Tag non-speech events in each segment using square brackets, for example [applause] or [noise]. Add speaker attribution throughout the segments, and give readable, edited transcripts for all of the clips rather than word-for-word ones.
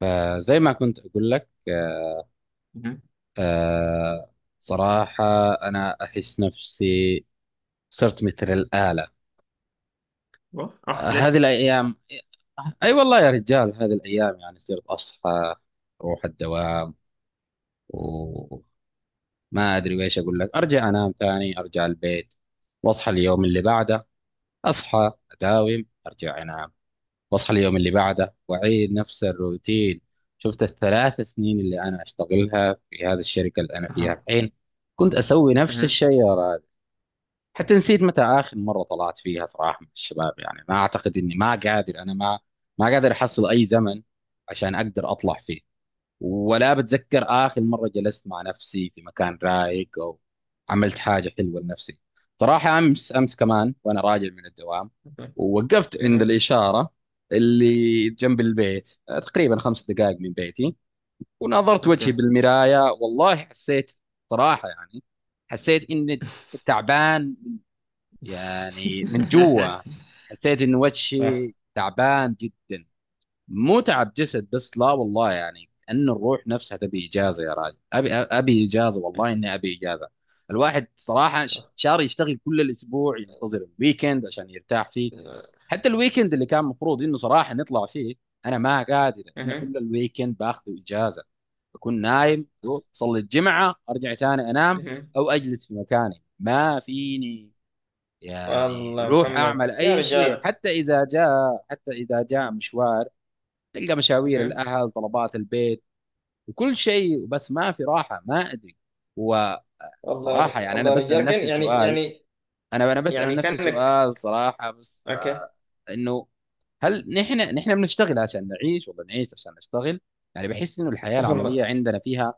Speaker 1: فزي ما كنت أقول لك آه
Speaker 2: Mhm.
Speaker 1: آه، صراحة، أنا أحس نفسي صرت مثل الآلة.
Speaker 2: What? Ach,
Speaker 1: هذه
Speaker 2: le.
Speaker 1: الأيام، أي والله يا رجال، هذه الأيام يعني صرت أصحى أروح الدوام، وما أدري وإيش أقول لك، أرجع أنام ثاني، أرجع البيت وأصحى اليوم اللي بعده، أصحى أداوم أرجع أنام، واصحى اليوم اللي بعده واعيد نفس الروتين. شفت الثلاث سنين اللي انا اشتغلها في هذه الشركه اللي انا فيها
Speaker 2: Aha.
Speaker 1: الحين، كنت اسوي نفس
Speaker 2: Mhm.
Speaker 1: الشيء يا راجل. حتى نسيت متى اخر مره طلعت فيها صراحه مع الشباب. يعني ما اعتقد اني ما قادر احصل اي زمن عشان اقدر اطلع فيه، ولا بتذكر آخر مرة جلست مع نفسي في مكان رايق أو عملت حاجة حلوة لنفسي. صراحة أمس كمان، وأنا راجع من الدوام،
Speaker 2: Okay.
Speaker 1: ووقفت عند
Speaker 2: Mhm.
Speaker 1: الإشارة اللي جنب البيت، تقريبا خمس دقائق من بيتي، ونظرت وجهي
Speaker 2: Okay.
Speaker 1: بالمراية، والله حسيت، صراحة يعني حسيت إني تعبان، يعني من جوا،
Speaker 2: [laughs]
Speaker 1: حسيت إن وجهي
Speaker 2: صح
Speaker 1: تعبان جدا. مو تعب جسد بس، لا والله، يعني ان الروح نفسها تبي اجازه. يا راجل، ابي اجازه، والله اني ابي اجازه. الواحد صراحه
Speaker 2: صح.
Speaker 1: شاري يشتغل كل الاسبوع، ينتظر الويكند عشان يرتاح فيه. حتى الويكند اللي كان مفروض انه صراحه نطلع فيه، انا ما قادر،
Speaker 2: مهم.
Speaker 1: كل الويكند باخذ اجازه، بكون نايم، أروح اصلي الجمعه ارجع تاني انام،
Speaker 2: مهم. [laughs]
Speaker 1: او اجلس في مكاني، ما فيني يعني
Speaker 2: والله
Speaker 1: روح
Speaker 2: محمد
Speaker 1: اعمل
Speaker 2: يا
Speaker 1: اي شيء.
Speaker 2: رجال.
Speaker 1: حتى اذا جاء مشوار، تلقى مشاوير
Speaker 2: مهم.
Speaker 1: الاهل، طلبات البيت، وكل شيء، بس ما في راحه. ما ادري، وصراحه
Speaker 2: والله
Speaker 1: يعني
Speaker 2: والله
Speaker 1: انا
Speaker 2: يا
Speaker 1: بسال
Speaker 2: رجال، كان
Speaker 1: نفسي
Speaker 2: يعني
Speaker 1: سؤال
Speaker 2: يعني
Speaker 1: انا انا بسال
Speaker 2: يعني
Speaker 1: نفسي
Speaker 2: كأنك.
Speaker 1: سؤال صراحه، بس
Speaker 2: اوكي.
Speaker 1: آه انه: هل نحن بنشتغل عشان نعيش، ولا نعيش عشان نشتغل؟ يعني بحس انه الحياه العمليه
Speaker 2: والله
Speaker 1: عندنا فيها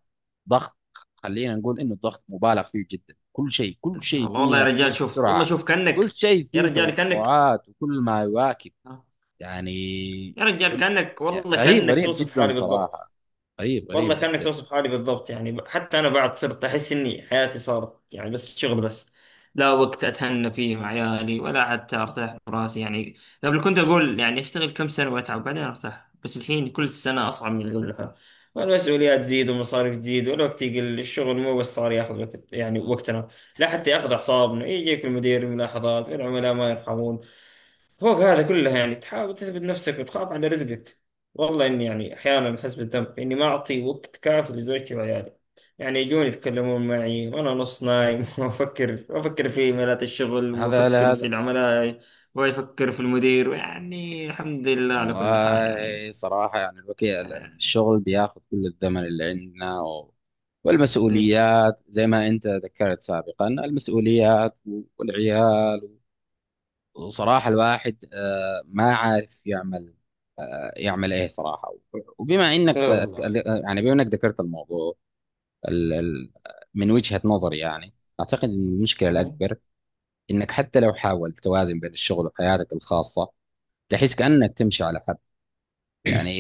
Speaker 1: ضغط. خلينا نقول انه الضغط مبالغ فيه جدا. كل شيء
Speaker 2: والله والله
Speaker 1: فيها
Speaker 2: يا
Speaker 1: بيصير
Speaker 2: رجال، شوف والله،
Speaker 1: بسرعه،
Speaker 2: شوف
Speaker 1: كل
Speaker 2: كأنك،
Speaker 1: شيء
Speaker 2: يا
Speaker 1: فيه
Speaker 2: رجال كأنك،
Speaker 1: توقعات، وكل ما يواكب يعني
Speaker 2: يا رجال
Speaker 1: وال-
Speaker 2: كأنك،
Speaker 1: يعني
Speaker 2: والله
Speaker 1: غريب
Speaker 2: كأنك
Speaker 1: غريب
Speaker 2: توصف
Speaker 1: جدا
Speaker 2: حالي بالضبط.
Speaker 1: صراحة، قريب
Speaker 2: والله
Speaker 1: قريب
Speaker 2: كأنك
Speaker 1: جدا.
Speaker 2: توصف حالي بالضبط يعني حتى أنا بعد صرت أحس إني حياتي صارت يعني بس شغل بس. لا وقت أتهنى فيه مع عيالي ولا حتى أرتاح براسي يعني. قبل كنت أقول يعني أشتغل كم سنة وأتعب بعدين أرتاح، بس الحين كل سنة أصعب من اللي قبلها، والمسؤوليات تزيد، والمصاريف تزيد، والوقت يقل. الشغل مو بس صار ياخذ وقت يعني وقتنا، لا حتى ياخذ أعصابنا. يجيك المدير ملاحظات والعملاء ما يرحمون. فوق هذا كله يعني تحاول تثبت نفسك وتخاف على رزقك. والله إني يعني أحيانا أحس بالذنب إني ما أعطي وقت كافي لزوجتي وعيالي. يعني يجون يتكلمون معي وأنا نص نايم [laughs] وأفكر في إيميلات الشغل،
Speaker 1: هذا لا،
Speaker 2: وأفكر في
Speaker 1: هذا
Speaker 2: العملاء، وأفكر في المدير، ويعني الحمد لله على
Speaker 1: والله
Speaker 2: كل حال يعني.
Speaker 1: صراحة. يعني
Speaker 2: آه،
Speaker 1: الشغل بياخذ كل الزمن اللي عندنا و...
Speaker 2: إيه.
Speaker 1: والمسؤوليات، زي ما أنت ذكرت سابقا، المسؤوليات والعيال، وصراحة الواحد ما عارف يعمل، يعمل إيه صراحة. وبما
Speaker 2: لا والله.
Speaker 1: يعني بما إنك ذكرت الموضوع، ال... ال- من وجهة نظري يعني أعتقد إن المشكلة
Speaker 2: آه،
Speaker 1: الأكبر إنك حتى لو حاولت توازن بين الشغل وحياتك الخاصة، تحس كأنك تمشي على، يعني،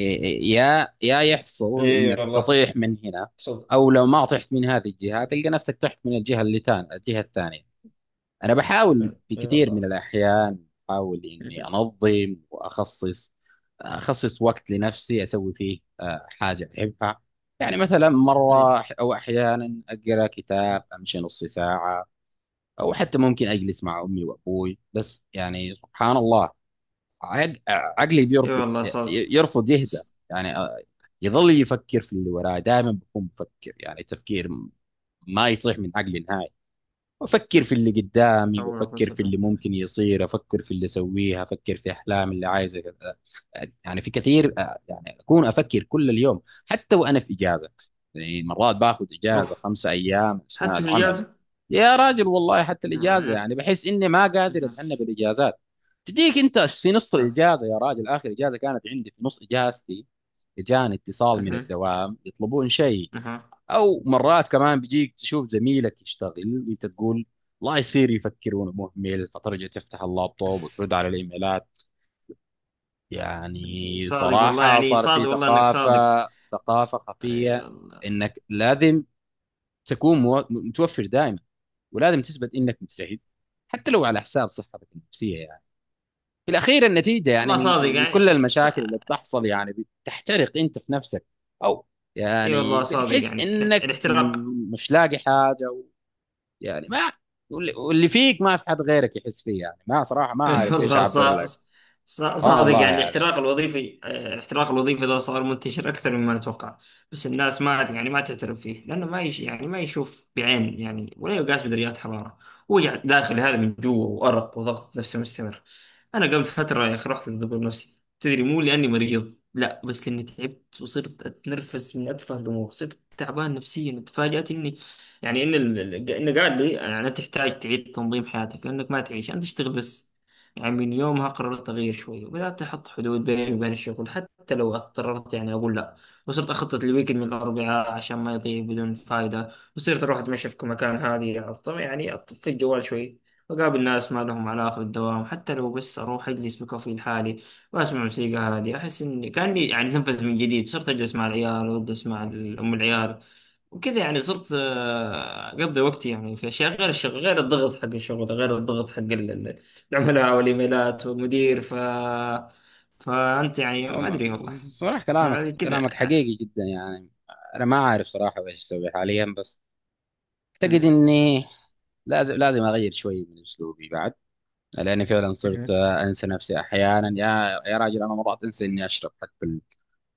Speaker 1: يا يحصل
Speaker 2: إيه
Speaker 1: انك
Speaker 2: والله
Speaker 1: تطيح من هنا،
Speaker 2: صدق.
Speaker 1: او لو ما طحت من هذه الجهه تلقى نفسك طحت من الجهه اللي تان الجهه الثانيه. انا بحاول
Speaker 2: إيه
Speaker 1: في
Speaker 2: إيه
Speaker 1: كثير من
Speaker 2: والله.
Speaker 1: الاحيان، بحاول اني
Speaker 2: [laughs]
Speaker 1: انظم واخصص وقت لنفسي، اسوي فيه حاجه احبها. يعني مثلا
Speaker 2: إيه
Speaker 1: مره او احيانا اقرا كتاب، امشي نص ساعه، او حتى ممكن اجلس مع امي وابوي. بس يعني سبحان الله، عقلي
Speaker 2: إيه
Speaker 1: بيرفض،
Speaker 2: والله صدق.
Speaker 1: يرفض يهدى، يعني يظل يفكر في اللي وراه، دائما بكون بفكر يعني تفكير، ما يطيح من عقلي نهائي، وافكر في اللي
Speaker 2: لا
Speaker 1: قدامي،
Speaker 2: حول ولا قوة
Speaker 1: وافكر في
Speaker 2: إلا
Speaker 1: اللي
Speaker 2: بالله.
Speaker 1: ممكن يصير، افكر في اللي اسويها، افكر في احلام اللي عايزه كذا. يعني في كثير يعني اكون افكر كل اليوم، حتى وانا في اجازه. يعني مرات باخذ اجازه
Speaker 2: أوف.
Speaker 1: خمسة ايام اثناء
Speaker 2: حتى في
Speaker 1: العمل،
Speaker 2: الإجازة.
Speaker 1: يا راجل والله حتى الاجازه
Speaker 2: أه،
Speaker 1: يعني بحس اني ما
Speaker 2: أه،
Speaker 1: قادر اتعنى بالاجازات. تجيك انت في نص الاجازه، يا راجل، اخر اجازه كانت عندي في نص اجازتي اجاني اتصال من
Speaker 2: أه،
Speaker 1: الدوام يطلبون شيء.
Speaker 2: أه.
Speaker 1: او مرات كمان بيجيك تشوف زميلك يشتغل وانت تقول، الله يصير يفكر وانا مهمل، فترجع تفتح اللابتوب وترد على الايميلات. يعني
Speaker 2: صادق والله
Speaker 1: صراحه
Speaker 2: يعني،
Speaker 1: صار
Speaker 2: صادق
Speaker 1: في
Speaker 2: والله انك
Speaker 1: ثقافه،
Speaker 2: صادق.
Speaker 1: ثقافه
Speaker 2: اي
Speaker 1: خفيه،
Speaker 2: والله.
Speaker 1: انك لازم تكون متوفر دائما، ولازم تثبت انك مجتهد، حتى لو على حساب صحتك النفسيه. يعني في الأخير النتيجة، يعني
Speaker 2: والله
Speaker 1: من
Speaker 2: صادق
Speaker 1: من من كل
Speaker 2: يعني
Speaker 1: المشاكل اللي بتحصل، يعني بتحترق أنت في نفسك، أو
Speaker 2: اي
Speaker 1: يعني
Speaker 2: والله صادق
Speaker 1: بتحس
Speaker 2: يعني
Speaker 1: إنك
Speaker 2: الاحتراق.
Speaker 1: مش لاقي حاجة يعني ما، واللي فيك ما في حد غيرك يحس فيه، يعني ما، صراحة ما
Speaker 2: [laughs]
Speaker 1: أعرف إيش
Speaker 2: والله
Speaker 1: أعبر لك. سبحان
Speaker 2: صادق
Speaker 1: الله
Speaker 2: يعني الاحتراق
Speaker 1: يعني
Speaker 2: الوظيفي، الاحتراق الوظيفي ده صار منتشر اكثر مما نتوقع. بس الناس ما يعني ما تعترف فيه، لانه ما يش يعني ما يشوف بعين يعني، ولا يقاس بدرجات حراره. وجع داخل، هذا من جوا، وارق وضغط نفسي مستمر. انا قبل فتره يا اخي رحت للدكتور نفسي، تدري، مو لاني مريض، لا، بس لاني تعبت وصرت اتنرفز من اتفه الامور، صرت تعبان نفسيا. تفاجأت اني يعني انه قال لي يعني انت تحتاج تعيد تنظيم حياتك لانك ما تعيش، انت تشتغل بس. يعني من يومها قررت أغير شوي، وبدأت أحط حدود بيني وبين الشغل، حتى لو اضطررت يعني أقول لا. وصرت أخطط الويكند من الأربعاء عشان ما يضيع بدون فايدة. وصرت أروح أتمشى في مكان هادي، يعني أطفي الجوال شوي. وأقابل ناس ما لهم علاقة بالدوام، حتى لو بس أروح أجلس بكوفي لحالي، وأسمع موسيقى هادية. أحس إني كأني يعني أتنفس من جديد. صرت أجلس مع العيال، وأجلس مع أم العيال وكذا. يعني صرت أقضي وقتي يعني في أشياء غير الشغل، غير الضغط حق الشغل، غير الضغط حق العملاء والايميلات ومدير. فانت يعني ما
Speaker 1: والله-
Speaker 2: ادري والله،
Speaker 1: صراحة، كلامك
Speaker 2: يعني كذا.
Speaker 1: كلامك حقيقي جدا. يعني أنا ما أعرف صراحة إيش أسوي حاليا، بس أعتقد
Speaker 2: مهم.
Speaker 1: إني لازم أغير شوي من أسلوبي بعد. لاني فعلا صرت
Speaker 2: مهم.
Speaker 1: انسى نفسي احيانا. يا راجل، انا مرات انسى اني اشرب حتى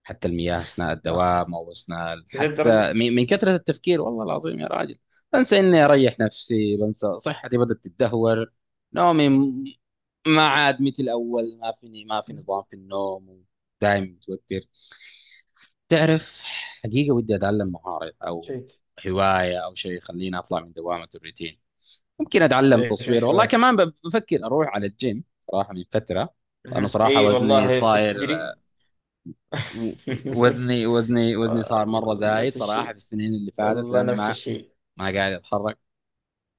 Speaker 1: حتى المياه اثناء
Speaker 2: اه،
Speaker 1: الدوام، او اثناء
Speaker 2: لذا الدرجة.
Speaker 1: حتى من كثره التفكير، والله العظيم يا راجل. بنسى اني اريح نفسي، بنسى صحتي بدات تتدهور، نومي ما عاد مثل الاول، ما فيني، ما في نظام في النوم، دائما متوتر. تعرف، حقيقه ودي اتعلم مهاره او
Speaker 2: شيك.
Speaker 1: هوايه او شيء يخليني اطلع من دوامه الروتين. ممكن اتعلم
Speaker 2: ايش
Speaker 1: تصوير،
Speaker 2: ايش
Speaker 1: والله
Speaker 2: يعني.
Speaker 1: كمان بفكر اروح على الجيم صراحه من فتره، لانه
Speaker 2: مهم.
Speaker 1: صراحه
Speaker 2: اي
Speaker 1: وزني
Speaker 2: والله، في،
Speaker 1: صاير،
Speaker 2: تدري.
Speaker 1: وزني صار مره
Speaker 2: [laughs]
Speaker 1: زايد
Speaker 2: نفس
Speaker 1: صراحه
Speaker 2: الشيء.
Speaker 1: في السنين اللي فاتت،
Speaker 2: والله
Speaker 1: لاني
Speaker 2: نفس
Speaker 1: ما،
Speaker 2: الشيء.
Speaker 1: ما قاعد اتحرك.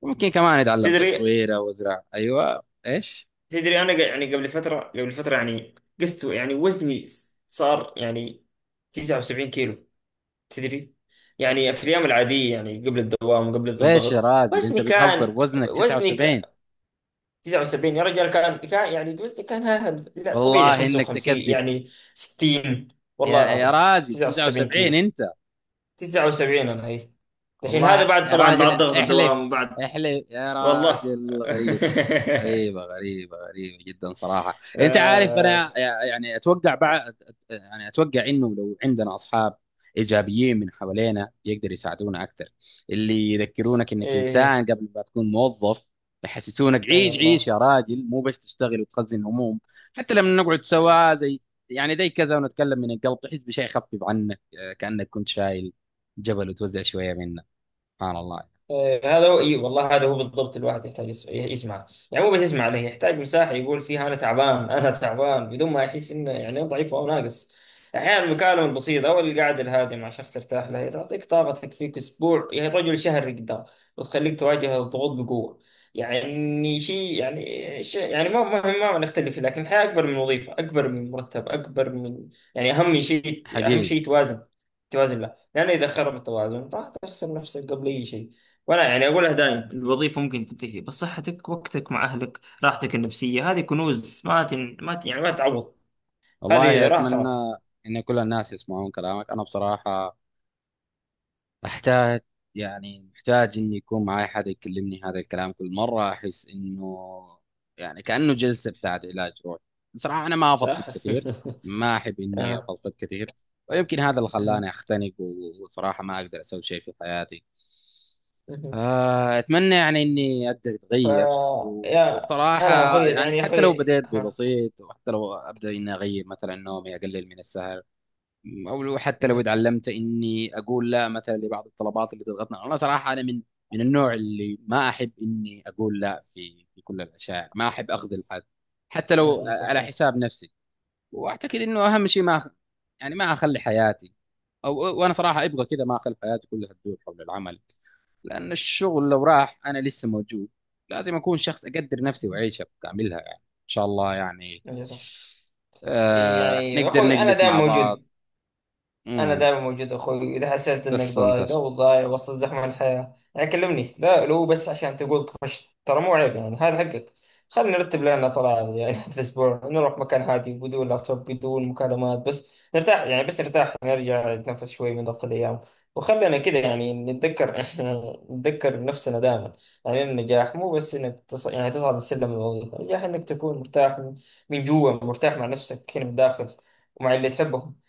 Speaker 1: ممكن كمان اتعلم
Speaker 2: تدري
Speaker 1: تصوير او ازرع. ايوه ايش،
Speaker 2: تدري انا يعني قبل فترة، قبل فترة، يعني قست يعني وزني، صار يعني 79 كيلو. تدري يعني في الأيام العادية يعني، قبل الدوام، قبل
Speaker 1: ليش يا
Speaker 2: الضغط،
Speaker 1: راجل، انت
Speaker 2: وزني
Speaker 1: بتهزر
Speaker 2: كان،
Speaker 1: بوزنك
Speaker 2: وزني
Speaker 1: 79؟
Speaker 2: ك- 79. يا رجال، كان يعني وزني كان، لا طبيعي
Speaker 1: والله انك
Speaker 2: 55
Speaker 1: تكذب.
Speaker 2: يعني 60. والله
Speaker 1: يا
Speaker 2: العظيم
Speaker 1: راجل،
Speaker 2: 79
Speaker 1: 79؟
Speaker 2: كيلو، 79 أنا، أي. الحين هذا
Speaker 1: والله
Speaker 2: بعد،
Speaker 1: يا
Speaker 2: طبعا بعد
Speaker 1: راجل
Speaker 2: ضغط
Speaker 1: احلف،
Speaker 2: الدوام بعد.
Speaker 1: احلف يا
Speaker 2: والله.
Speaker 1: راجل. غريبة،
Speaker 2: [laughs]
Speaker 1: غريبة غريبة جدا صراحة. انت عارف،
Speaker 2: آه،
Speaker 1: انا يعني اتوقع بعد، يعني اتوقع انه لو عندنا اصحاب ايجابيين من حوالينا يقدر يساعدونا اكثر، اللي يذكرونك انك
Speaker 2: إيه.
Speaker 1: انسان قبل ما تكون موظف، يحسسونك
Speaker 2: إي
Speaker 1: عيش، عيش
Speaker 2: والله.
Speaker 1: يا راجل، مو بس تشتغل وتخزن هموم. حتى لما نقعد سوا زي، يعني زي كذا، ونتكلم من القلب، تحس بشيء خفيف عنك، كأنك كنت شايل جبل وتوزع شوية منه. سبحان الله.
Speaker 2: هذا رأيي والله، هذا هو بالضبط. الواحد يحتاج يسمع، يعني مو بس يسمع عليه، يحتاج مساحة يقول فيها أنا تعبان، أنا تعبان بدون ما يحس إنه يعني ضعيف أو ناقص. أحيانا المكالمة البسيطة أو القعدة الهادئة مع شخص ترتاح له هي تعطيك طاقة تكفيك أسبوع، يعني رجل شهر قدام، وتخليك تواجه الضغوط بقوة. يعني شيء، يعني شيء يعني ما نختلف فيه، لكن الحياة أكبر من وظيفة، أكبر من مرتب، أكبر من، يعني أهم شيء، أهم
Speaker 1: حقيقي،
Speaker 2: شيء توازن، توازن له، لأن إذا خرب التوازن راح تخسر نفسك قبل أي شيء. وانا يعني اقولها دائم، الوظيفه ممكن تنتهي، بس صحتك، وقتك مع اهلك، راحتك النفسيه، هذه كنوز ما تن... ما ت... يعني ما تعوض. هذه
Speaker 1: والله
Speaker 2: اذا راحت
Speaker 1: أتمنى
Speaker 2: خلاص.
Speaker 1: إن كل الناس يسمعون كلامك. أنا بصراحة أحتاج، يعني محتاج إني يكون معي حد يكلمني هذا الكلام. كل مرة أحس إنه يعني كأنه جلسة بتاعت علاج روحي. بصراحة أنا ما أفضفض
Speaker 2: صح.
Speaker 1: كثير، ما أحب
Speaker 2: [laughs]
Speaker 1: إني
Speaker 2: آه.
Speaker 1: أفضفض كثير، ويمكن هذا اللي
Speaker 2: آه.
Speaker 1: خلاني أختنق، وصراحة ما أقدر أسوي شيء في حياتي. أتمنى يعني إني أقدر
Speaker 2: ف
Speaker 1: أتغير،
Speaker 2: يا
Speaker 1: وبصراحة
Speaker 2: انا اخوي
Speaker 1: يعني
Speaker 2: يعني، يا
Speaker 1: حتى لو
Speaker 2: اخوي،
Speaker 1: بدأت
Speaker 2: ها.
Speaker 1: ببسيط، وحتى لو أبدأ إني أغير مثلا نومي، أقلل من السهر، أو لو حتى لو اتعلمت إني أقول لا مثلا لبعض الطلبات اللي تضغطنا. أنا صراحة أنا من، من النوع اللي ما أحب إني أقول لا في كل الأشياء، ما أحب أخذل حد حتى لو
Speaker 2: اي صح
Speaker 1: على
Speaker 2: صح.
Speaker 1: حساب نفسي. وأعتقد إنه أهم شيء ما يعني ما أخلي حياتي، أو، وأنا صراحة أبغى كذا، ما أخلي حياتي كلها تدور حول العمل. لأن الشغل لو راح أنا لسه موجود، لازم أكون شخص أقدر نفسي وأعيشها بكاملها. يعني إن شاء الله يعني
Speaker 2: اي صح.
Speaker 1: آه
Speaker 2: يعني
Speaker 1: نقدر
Speaker 2: اخوي انا
Speaker 1: نجلس
Speaker 2: دائما
Speaker 1: مع بعض.
Speaker 2: موجود، أنا
Speaker 1: امم،
Speaker 2: دائما موجود أخوي، إذا حسيت
Speaker 1: بس
Speaker 2: إنك
Speaker 1: استمتعت.
Speaker 2: ضايق أو ضايع وسط زحمة الحياة يعني كلمني، لا لو بس عشان تقول طفشت، ترى مو عيب يعني، هذا حقك. خلينا نرتب لنا طلعة يعني [laughs] هذا الأسبوع، نروح مكان هادي بدون لابتوب، بدون مكالمات، بس نرتاح يعني، بس نرتاح نرجع، نتنفس شوي من ضغط الأيام، وخلينا كذا يعني نتذكر. [laughs] نتذكر نفسنا دائما. يعني النجاح مو بس إنك يعني تصعد السلم الوظيفي، النجاح إنك تكون مرتاح، من جوا، مرتاح مع نفسك هنا من الداخل، ومع اللي تحبهم.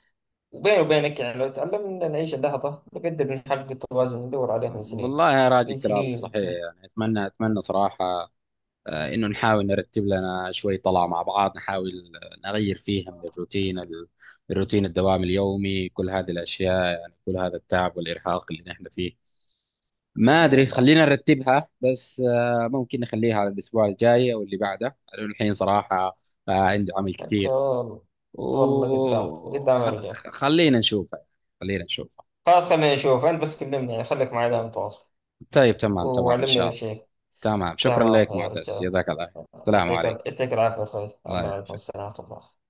Speaker 2: وبيني وبينك يعني لو تعلمنا نعيش اللحظة نقدر نحقق التوازن اللي ندور عليه من سنين،
Speaker 1: والله يا راجل
Speaker 2: من
Speaker 1: كلامك
Speaker 2: سنين.
Speaker 1: صحيح. يعني أتمنى، صراحة آه إنه نحاول نرتب لنا شوي طلعة مع بعض، نحاول نغير فيها من الروتين، الروتين الدوام اليومي، كل هذه الأشياء، يعني كل هذا التعب والإرهاق اللي نحن فيه. ما ادري،
Speaker 2: يلا.
Speaker 1: خلينا نرتبها بس ممكن نخليها على الاسبوع الجاي او اللي بعده، لانه الحين صراحه عندي عمل
Speaker 2: حتى
Speaker 1: كثير.
Speaker 2: والله. والله قدام قدام يرجع.
Speaker 1: وخلينا نشوفها، خلينا نشوفها.
Speaker 2: خلاص خلينا نشوف، أنت بس كلمني يعني، خليك معي دائما متواصل،
Speaker 1: طيب، تمام، ان
Speaker 2: وعلمني
Speaker 1: شاء
Speaker 2: إذا في
Speaker 1: الله.
Speaker 2: شيء.
Speaker 1: تمام، شكرا
Speaker 2: تمام
Speaker 1: لك
Speaker 2: يا
Speaker 1: معتز،
Speaker 2: رجال.
Speaker 1: جزاك الله خير. السلام
Speaker 2: يعطيك
Speaker 1: عليكم.
Speaker 2: يعطيك العافية يا أخوي،
Speaker 1: الله
Speaker 2: الله يعلمكم
Speaker 1: يعافيك.
Speaker 2: السلام ورحمة الله.